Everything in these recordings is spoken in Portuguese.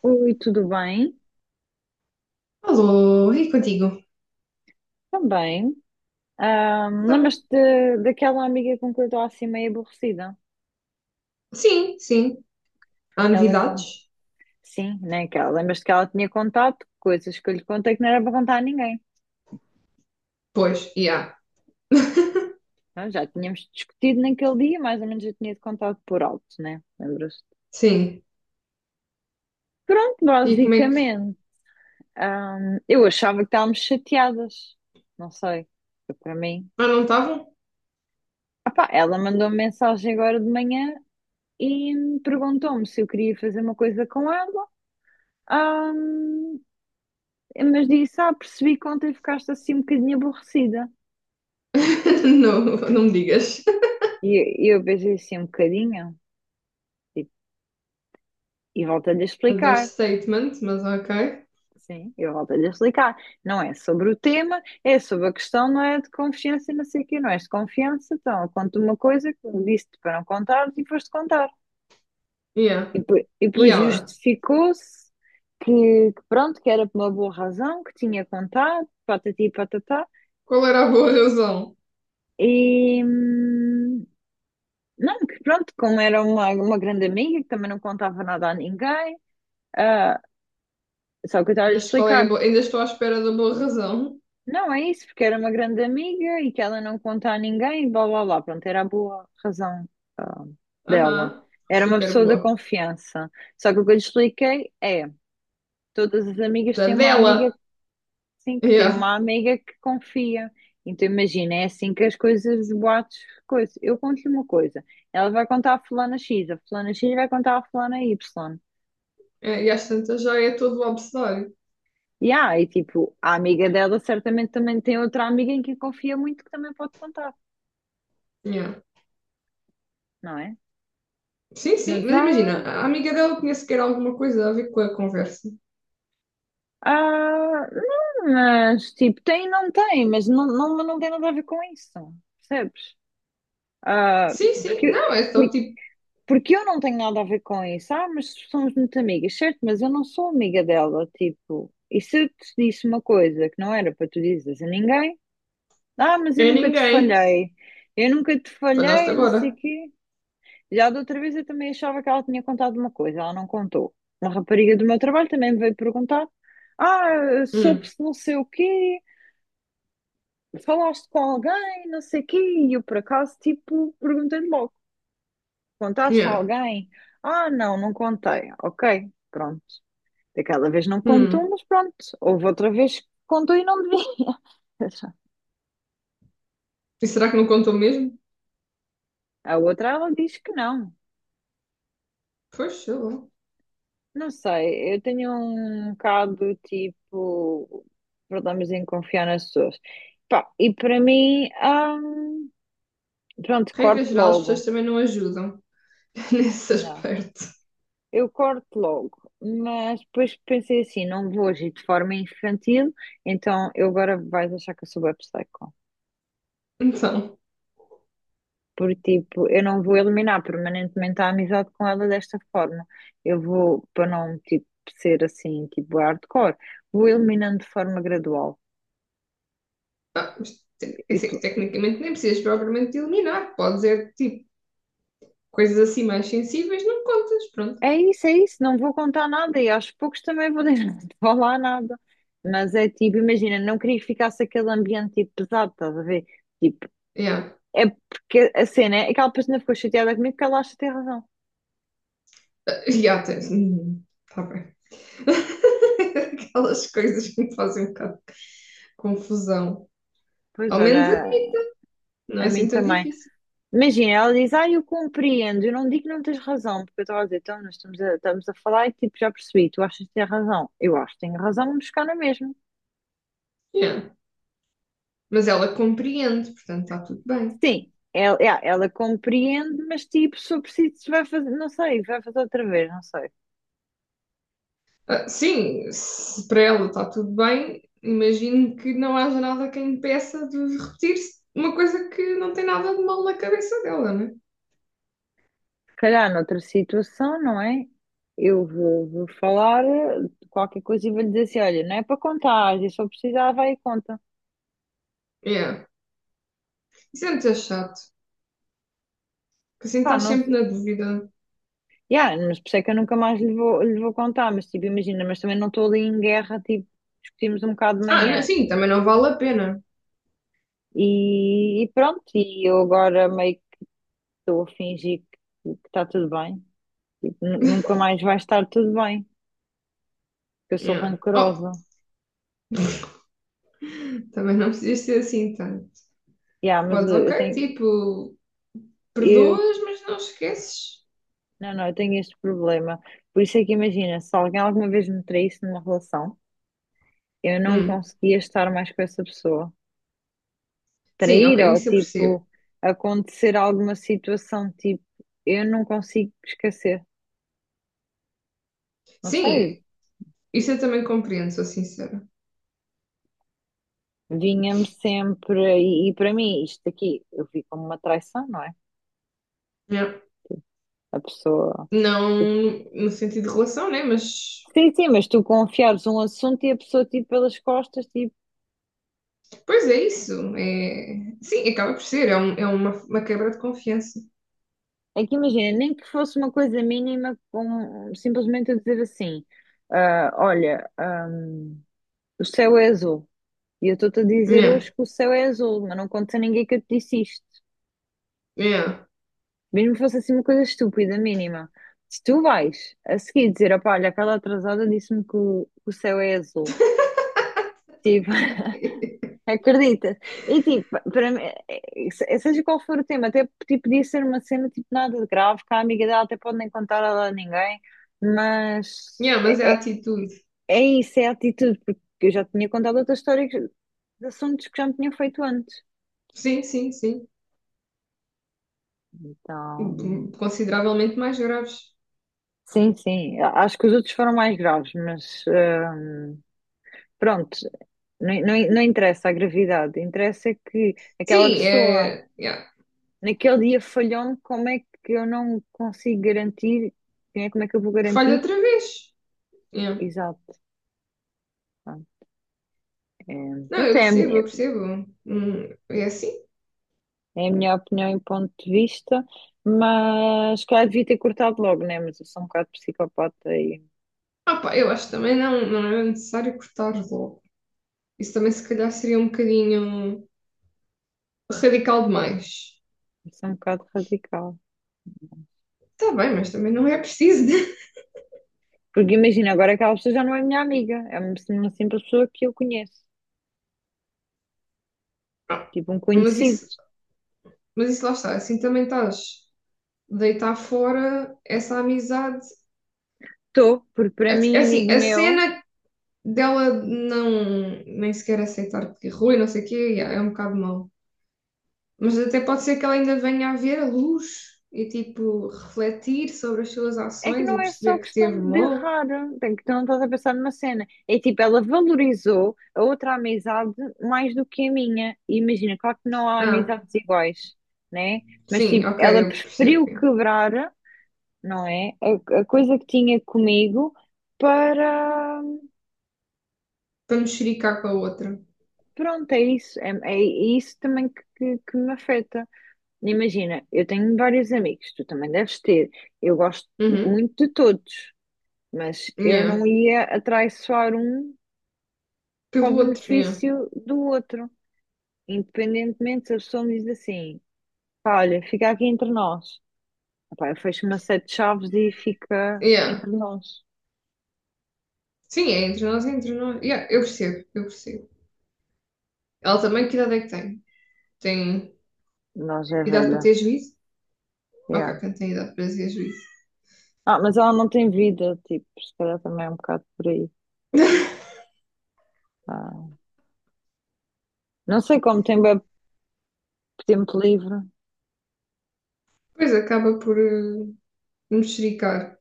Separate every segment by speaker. Speaker 1: Oi, tudo bem?
Speaker 2: Alô, e contigo?
Speaker 1: Também.
Speaker 2: Então,
Speaker 1: Lembras-te daquela amiga com que eu estou assim meio aborrecida?
Speaker 2: sim, sim. Há
Speaker 1: Que ela con-
Speaker 2: novidades?
Speaker 1: Sim, né? Que ela... Lembras-te que ela tinha contado coisas que eu lhe contei que não era para contar a ninguém.
Speaker 2: Pois, e há.
Speaker 1: Nós já tínhamos discutido naquele dia, mais ou menos eu tinha-te contado por alto, né? Lembras-te?
Speaker 2: Sim.
Speaker 1: Pronto,
Speaker 2: E como é que.
Speaker 1: basicamente. Eu achava que estávamos chateadas. Não sei. Foi para mim.
Speaker 2: Ah, não estavam?
Speaker 1: Ah pá, ela mandou-me mensagem agora de manhã e perguntou-me se eu queria fazer uma coisa com ela. Ahm, mas disse, ah, percebi que ontem ficaste assim um bocadinho aborrecida.
Speaker 2: Não, não me digas.
Speaker 1: E eu pensei assim um bocadinho, e, e volto-lhe a explicar.
Speaker 2: Understatement, mas ok.
Speaker 1: Sim, eu volto-lhe a explicar. Não é sobre o tema, é sobre a questão, não é de confiança, e não sei o quê, não és de confiança, então eu conto uma coisa que me disse-te para não contar e foste contar.
Speaker 2: Yeah.
Speaker 1: E, depois- e
Speaker 2: E
Speaker 1: depois
Speaker 2: ela?
Speaker 1: justificou-se que pronto, que era por uma boa razão, que tinha contado, patati e patatá.
Speaker 2: Qual era a boa razão?
Speaker 1: E, hum, Não, que pronto, como era uma grande amiga, que também não contava nada a ninguém, ah, só que eu estava a
Speaker 2: Mas qual é a
Speaker 1: explicar,
Speaker 2: boa? Ainda estou à espera da boa razão.
Speaker 1: não é isso, porque era uma grande amiga e que ela não conta a ninguém, e blá blá blá, pronto, era a boa razão, ah, dela.
Speaker 2: Aham.
Speaker 1: Era uma
Speaker 2: Super
Speaker 1: pessoa da
Speaker 2: boa.
Speaker 1: confiança. Só que o que eu lhe expliquei é, todas as amigas
Speaker 2: Da
Speaker 1: têm uma amiga,
Speaker 2: dela.
Speaker 1: sim, que tem
Speaker 2: Yeah.
Speaker 1: uma amiga que confia. Então imagina, é assim que as coisas, os boatos, coisa. Eu conto-lhe uma coisa, ela vai contar a fulana X, a fulana X vai contar a fulana Y.
Speaker 2: É, e às tantas já é todo o abecedário.
Speaker 1: Yeah, e tipo, a amiga dela certamente também tem outra amiga em quem confia muito que também pode contar,
Speaker 2: Yeah.
Speaker 1: não é?
Speaker 2: Sim, sim,
Speaker 1: Mas
Speaker 2: mas imagina, a amiga dela tinha sequer alguma coisa a ver com a conversa.
Speaker 1: há, não, mas tipo, tem e não tem, mas não, não, não tem nada a ver com isso, percebes? Ah,
Speaker 2: Sim, sim.
Speaker 1: porque,
Speaker 2: Não, eu estou
Speaker 1: porque,
Speaker 2: tipo,
Speaker 1: porque eu não tenho nada a ver com isso, ah, mas somos muito amigas, certo? Mas eu não sou amiga dela, tipo, e se eu te disse uma coisa que não era para tu dizeres a ninguém, ah, mas eu
Speaker 2: é
Speaker 1: nunca te
Speaker 2: ninguém.
Speaker 1: falhei, eu nunca te
Speaker 2: Falhaste
Speaker 1: falhei, não sei o
Speaker 2: agora.
Speaker 1: quê. Já da outra vez eu também achava que ela tinha contado uma coisa, ela não contou. Uma rapariga do meu trabalho também me veio perguntar: ah,
Speaker 2: Hum,
Speaker 1: soube-se não sei o quê, falaste com alguém, não sei o quê, e eu por acaso, tipo, perguntei-lhe logo: contaste a
Speaker 2: yeah.
Speaker 1: alguém? Ah, não, não contei. Ok, pronto. Daquela vez não contou,
Speaker 2: Hum.
Speaker 1: mas pronto. Houve outra vez que contou e não devia.
Speaker 2: E será que não contou mesmo?
Speaker 1: A outra ela diz que não.
Speaker 2: Pois, sei lá.
Speaker 1: Não sei, eu tenho um bocado tipo problemas em confiar nas pessoas. Pá, e para mim, hum, pronto,
Speaker 2: Regra
Speaker 1: corto
Speaker 2: geral, as
Speaker 1: logo.
Speaker 2: pessoas também não ajudam nesse
Speaker 1: Não,
Speaker 2: aspecto.
Speaker 1: eu corto logo, mas depois pensei assim: não vou agir de forma infantil, então eu agora vais achar que eu sou bué psycho.
Speaker 2: Então,
Speaker 1: Porque tipo, eu não vou eliminar permanentemente a amizade com ela desta forma. Eu vou, para não tipo, ser assim, tipo hardcore, vou eliminando de forma gradual.
Speaker 2: ah, mas é
Speaker 1: E,
Speaker 2: assim, tecnicamente nem precisas propriamente de eliminar. Pode ser tipo, coisas assim mais sensíveis, não contas. Pronto.
Speaker 1: É isso, não vou contar nada e aos poucos também vou deixar de falar nada. Mas é tipo, imagina, não queria que ficasse aquele ambiente tipo, pesado, estás a ver? Tipo,
Speaker 2: Yeah.
Speaker 1: é porque a cena é aquela pessoa ficou chateada comigo que ela acha que tem razão.
Speaker 2: Ah, yeah, tens. Tá bem. Aquelas coisas que me fazem um bocado de confusão.
Speaker 1: Pois
Speaker 2: Ao menos a
Speaker 1: olha,
Speaker 2: mim, não é
Speaker 1: a mim
Speaker 2: assim tão
Speaker 1: também.
Speaker 2: difícil.
Speaker 1: Imagina, ela diz, ah, eu compreendo, eu não digo que não tens razão, porque eu estava a dizer, então nós estamos a falar e tipo, já percebi, tu achas que tens razão. Eu acho que tenho razão, vamos buscar na mesma.
Speaker 2: Yeah. Mas ela compreende, portanto está tudo bem.
Speaker 1: Sim, ela compreende, mas tipo, se eu preciso, vai fazer, não sei, vai fazer outra vez, não sei.
Speaker 2: Ah, sim, se para ela está tudo bem, imagino que não haja nada que a impeça de repetir uma coisa que não tem nada de mal na cabeça dela, né?
Speaker 1: Se calhar noutra situação, não é? Eu vou falar qualquer coisa e vou lhe dizer assim: olha, não é para contar, e se eu precisar, vai e conta.
Speaker 2: Yeah. Isso é muito chato, porque assim
Speaker 1: Pá,
Speaker 2: estás
Speaker 1: não
Speaker 2: sempre
Speaker 1: sei.
Speaker 2: na dúvida.
Speaker 1: Yeah, mas por isso é que eu nunca mais lhe vou contar, mas tipo, imagina, mas também não estou ali em guerra, tipo, discutimos um bocado de
Speaker 2: Ah,
Speaker 1: manhã.
Speaker 2: sim, também não vale a pena.
Speaker 1: E pronto, e eu agora meio que estou a fingir que está tudo bem. Tipo, nunca mais vai estar tudo bem. Eu sou
Speaker 2: Yeah. Oh,
Speaker 1: rancorosa.
Speaker 2: também não precisas ser assim tanto.
Speaker 1: Yeah, mas
Speaker 2: Podes, ok, tipo,
Speaker 1: eu,
Speaker 2: perdoas, mas não esqueces.
Speaker 1: não, não, eu tenho este problema. Por isso é que imagina, se alguém alguma vez me traísse numa relação, eu não
Speaker 2: Hum.
Speaker 1: conseguia estar mais com essa pessoa.
Speaker 2: Sim, ok,
Speaker 1: Trair ou
Speaker 2: isso eu percebo.
Speaker 1: tipo acontecer alguma situação tipo, eu não consigo esquecer. Não sei,
Speaker 2: Sim, isso eu também compreendo, sou sincera.
Speaker 1: vinha-me sempre e para mim isto aqui eu vi como uma traição, não é?
Speaker 2: Yeah.
Speaker 1: A pessoa.
Speaker 2: Não no sentido de relação, né? Mas,
Speaker 1: Sim, sim, mas tu confiares um assunto e a pessoa tipo pelas costas, tipo,
Speaker 2: pois é isso. É... Sim, acaba por ser. É, é uma quebra de confiança.
Speaker 1: é que imagina, nem que fosse uma coisa mínima, com simplesmente eu dizer assim: ah, olha, ah, o céu é azul. E eu estou-te a dizer
Speaker 2: Yeah,
Speaker 1: hoje que o céu é azul, mas não contes a ninguém que eu te disse isto.
Speaker 2: yeah.
Speaker 1: Mesmo que fosse assim uma coisa estúpida, mínima. Se tu vais a seguir dizer: opá, olha, aquela atrasada disse-me que o céu é azul. Tipo, acreditas? E tipo, para mim, seja qual for o tema, até tipo, podia ser uma cena tipo nada de grave, que a amiga dela até pode nem contar a ela a ninguém. Mas
Speaker 2: Yeah, mas é a
Speaker 1: é
Speaker 2: atitude.
Speaker 1: É isso, é a atitude, porque eu já tinha contado outra história de assuntos que já me tinham feito antes.
Speaker 2: Sim, sim, sim.
Speaker 1: Então,
Speaker 2: Consideravelmente mais graves.
Speaker 1: sim, sim, acho que os outros foram mais graves, mas ah, pronto, não, não, não interessa a gravidade, interessa é que aquela
Speaker 2: Sim,
Speaker 1: pessoa
Speaker 2: é. Yeah.
Speaker 1: naquele dia falhou-me, como é que eu não consigo garantir, né, como é que eu vou
Speaker 2: Que falha
Speaker 1: garantir?
Speaker 2: outra vez. Yeah.
Speaker 1: Exato, pronto, é,
Speaker 2: Não, eu
Speaker 1: pronto, é a
Speaker 2: percebo, eu
Speaker 1: minha,
Speaker 2: percebo. É assim.
Speaker 1: é a minha opinião e ponto de vista, mas claro, devia ter cortado logo, né? Mas eu sou um bocado psicopata.
Speaker 2: Ah, pá, eu acho que também não, não é necessário cortar logo. Isso também, se calhar, seria um bocadinho radical demais.
Speaker 1: Isso é um bocado radical.
Speaker 2: Está bem, mas também não é preciso.
Speaker 1: Porque imagina, agora aquela pessoa já não é minha amiga, é uma simples pessoa que eu conheço,
Speaker 2: Ah,
Speaker 1: tipo um
Speaker 2: mas
Speaker 1: conhecido.
Speaker 2: isso, mas isso lá está, assim também estás a deitar fora essa amizade.
Speaker 1: Estou, porque para
Speaker 2: É
Speaker 1: mim,
Speaker 2: assim,
Speaker 1: amigo
Speaker 2: a
Speaker 1: meu,
Speaker 2: cena dela não nem sequer aceitar que errou e não sei o quê, yeah, é um bocado mau. Mas até pode ser que ela ainda venha a ver a luz e tipo refletir sobre as suas
Speaker 1: é que
Speaker 2: ações e
Speaker 1: não é só
Speaker 2: perceber que teve
Speaker 1: questão de
Speaker 2: mal.
Speaker 1: errar, tem que tu não estás a pensar numa cena. É tipo, ela valorizou a outra amizade mais do que a minha. E imagina, claro que não há
Speaker 2: Ah,
Speaker 1: amizades iguais, né? Mas
Speaker 2: sim,
Speaker 1: tipo,
Speaker 2: ok,
Speaker 1: ela
Speaker 2: eu percebo.
Speaker 1: preferiu
Speaker 2: Yeah.
Speaker 1: quebrar, não é? A coisa que tinha comigo para.
Speaker 2: Para mexericar com a outra.
Speaker 1: Pronto, é isso. É isso também que me afeta. Imagina, eu tenho vários amigos, tu também deves ter. Eu gosto
Speaker 2: Uhum.
Speaker 1: muito de todos, mas eu
Speaker 2: Yeah.
Speaker 1: não ia atraiçoar um para o
Speaker 2: Pelo outro, yeah.
Speaker 1: benefício do outro. Independentemente se a pessoa me diz assim, pá, olha, fica aqui entre nós. Epá, eu fecho uma sete de chaves e fica
Speaker 2: Yeah.
Speaker 1: entre nós.
Speaker 2: Sim, é entre nós, é entre nós. Yeah, eu percebo, eu percebo. Ela também, que idade é que tem? Tem
Speaker 1: Nós é
Speaker 2: idade para
Speaker 1: velha.
Speaker 2: ter juízo? Ok,
Speaker 1: Yeah.
Speaker 2: portanto tem idade para ter juízo.
Speaker 1: Ah, mas ela não tem vida, tipo, se calhar também é um bocado por aí. Ah, não sei como tem bué tempo livre.
Speaker 2: Depois acaba por mexericar.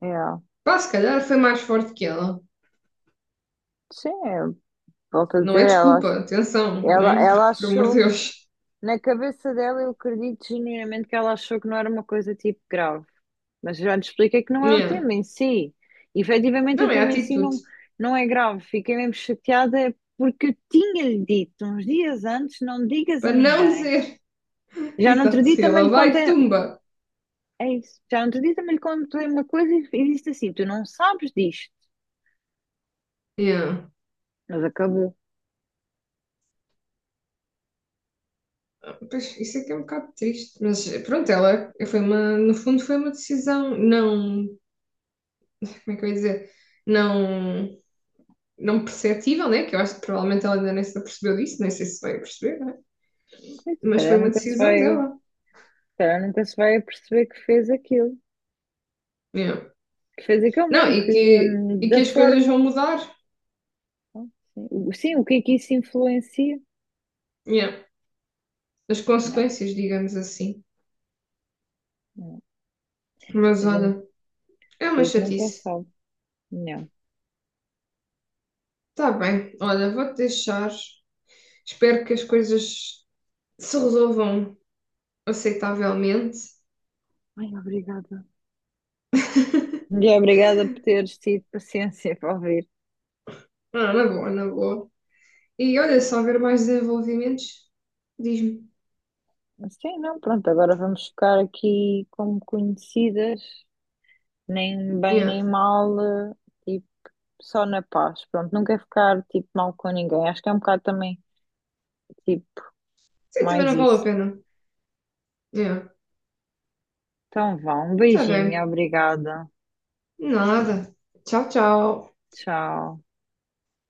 Speaker 1: É,
Speaker 2: Pá, se calhar foi mais forte que ela.
Speaker 1: sim, eu volto a
Speaker 2: Não é
Speaker 1: dizer, ela,
Speaker 2: desculpa,
Speaker 1: ach-
Speaker 2: atenção,
Speaker 1: ela,
Speaker 2: né?
Speaker 1: ela
Speaker 2: Porque, por amor de
Speaker 1: achou,
Speaker 2: Deus.
Speaker 1: na cabeça dela, eu acredito genuinamente que ela achou que não era uma coisa tipo grave, mas já te expliquei que não é o
Speaker 2: Yeah.
Speaker 1: tema em si. Efetivamente, o
Speaker 2: Não, é a
Speaker 1: tema em si
Speaker 2: atitude.
Speaker 1: não, não é grave. Fiquei mesmo chateada porque eu tinha-lhe dito uns dias antes: não digas a
Speaker 2: Para não
Speaker 1: ninguém.
Speaker 2: dizer.
Speaker 1: Já no outro
Speaker 2: Exato,
Speaker 1: dia
Speaker 2: se
Speaker 1: também
Speaker 2: ela
Speaker 1: lhe
Speaker 2: vai,
Speaker 1: contei,
Speaker 2: tumba.
Speaker 1: é isso, já no outro dia também lhe contei uma coisa e disse assim: tu não sabes disto,
Speaker 2: Yeah.
Speaker 1: mas acabou.
Speaker 2: Pois, isso é que é um bocado triste. Mas pronto, ela foi uma. No fundo, foi uma decisão não. Como é que eu ia dizer? Não não perceptível, né? Que eu acho que provavelmente ela ainda nem se apercebeu disso, nem sei se vai perceber, né?
Speaker 1: Se
Speaker 2: Mas foi
Speaker 1: calhar
Speaker 2: uma
Speaker 1: nunca se
Speaker 2: decisão
Speaker 1: vai.
Speaker 2: dela.
Speaker 1: Calhar nunca se vai perceber que fez aquilo.
Speaker 2: Yeah.
Speaker 1: Que fez aquilo, não,
Speaker 2: Não,
Speaker 1: que
Speaker 2: e
Speaker 1: da
Speaker 2: que as coisas
Speaker 1: forma.
Speaker 2: vão mudar.
Speaker 1: Não? Sim, o que é que isso influencia?
Speaker 2: Yeah. As
Speaker 1: Não,
Speaker 2: consequências, digamos assim.
Speaker 1: não.
Speaker 2: Mas
Speaker 1: A gente,
Speaker 2: olha, é
Speaker 1: a
Speaker 2: uma
Speaker 1: gente nunca
Speaker 2: chatice.
Speaker 1: sabe. Não.
Speaker 2: Está bem, olha, vou-te deixar. Espero que as coisas se resolvam aceitavelmente.
Speaker 1: Ai, obrigada. E obrigada por teres tido paciência para ouvir.
Speaker 2: Ah, na boa, na boa. E olha, se houver mais desenvolvimentos, diz-me.
Speaker 1: Mas sim, não, pronto, agora vamos ficar aqui como conhecidas, nem bem
Speaker 2: Yeah.
Speaker 1: nem mal, tipo, só na paz. Pronto, nunca ficar tipo mal com ninguém. Acho que é um bocado também, tipo,
Speaker 2: Sim, também
Speaker 1: mais
Speaker 2: não vale a
Speaker 1: isso.
Speaker 2: pena. Yeah.
Speaker 1: Então vá, um
Speaker 2: Tá
Speaker 1: beijinho,
Speaker 2: bem.
Speaker 1: obrigada.
Speaker 2: Nada. Tchau, tchau.
Speaker 1: Tchau.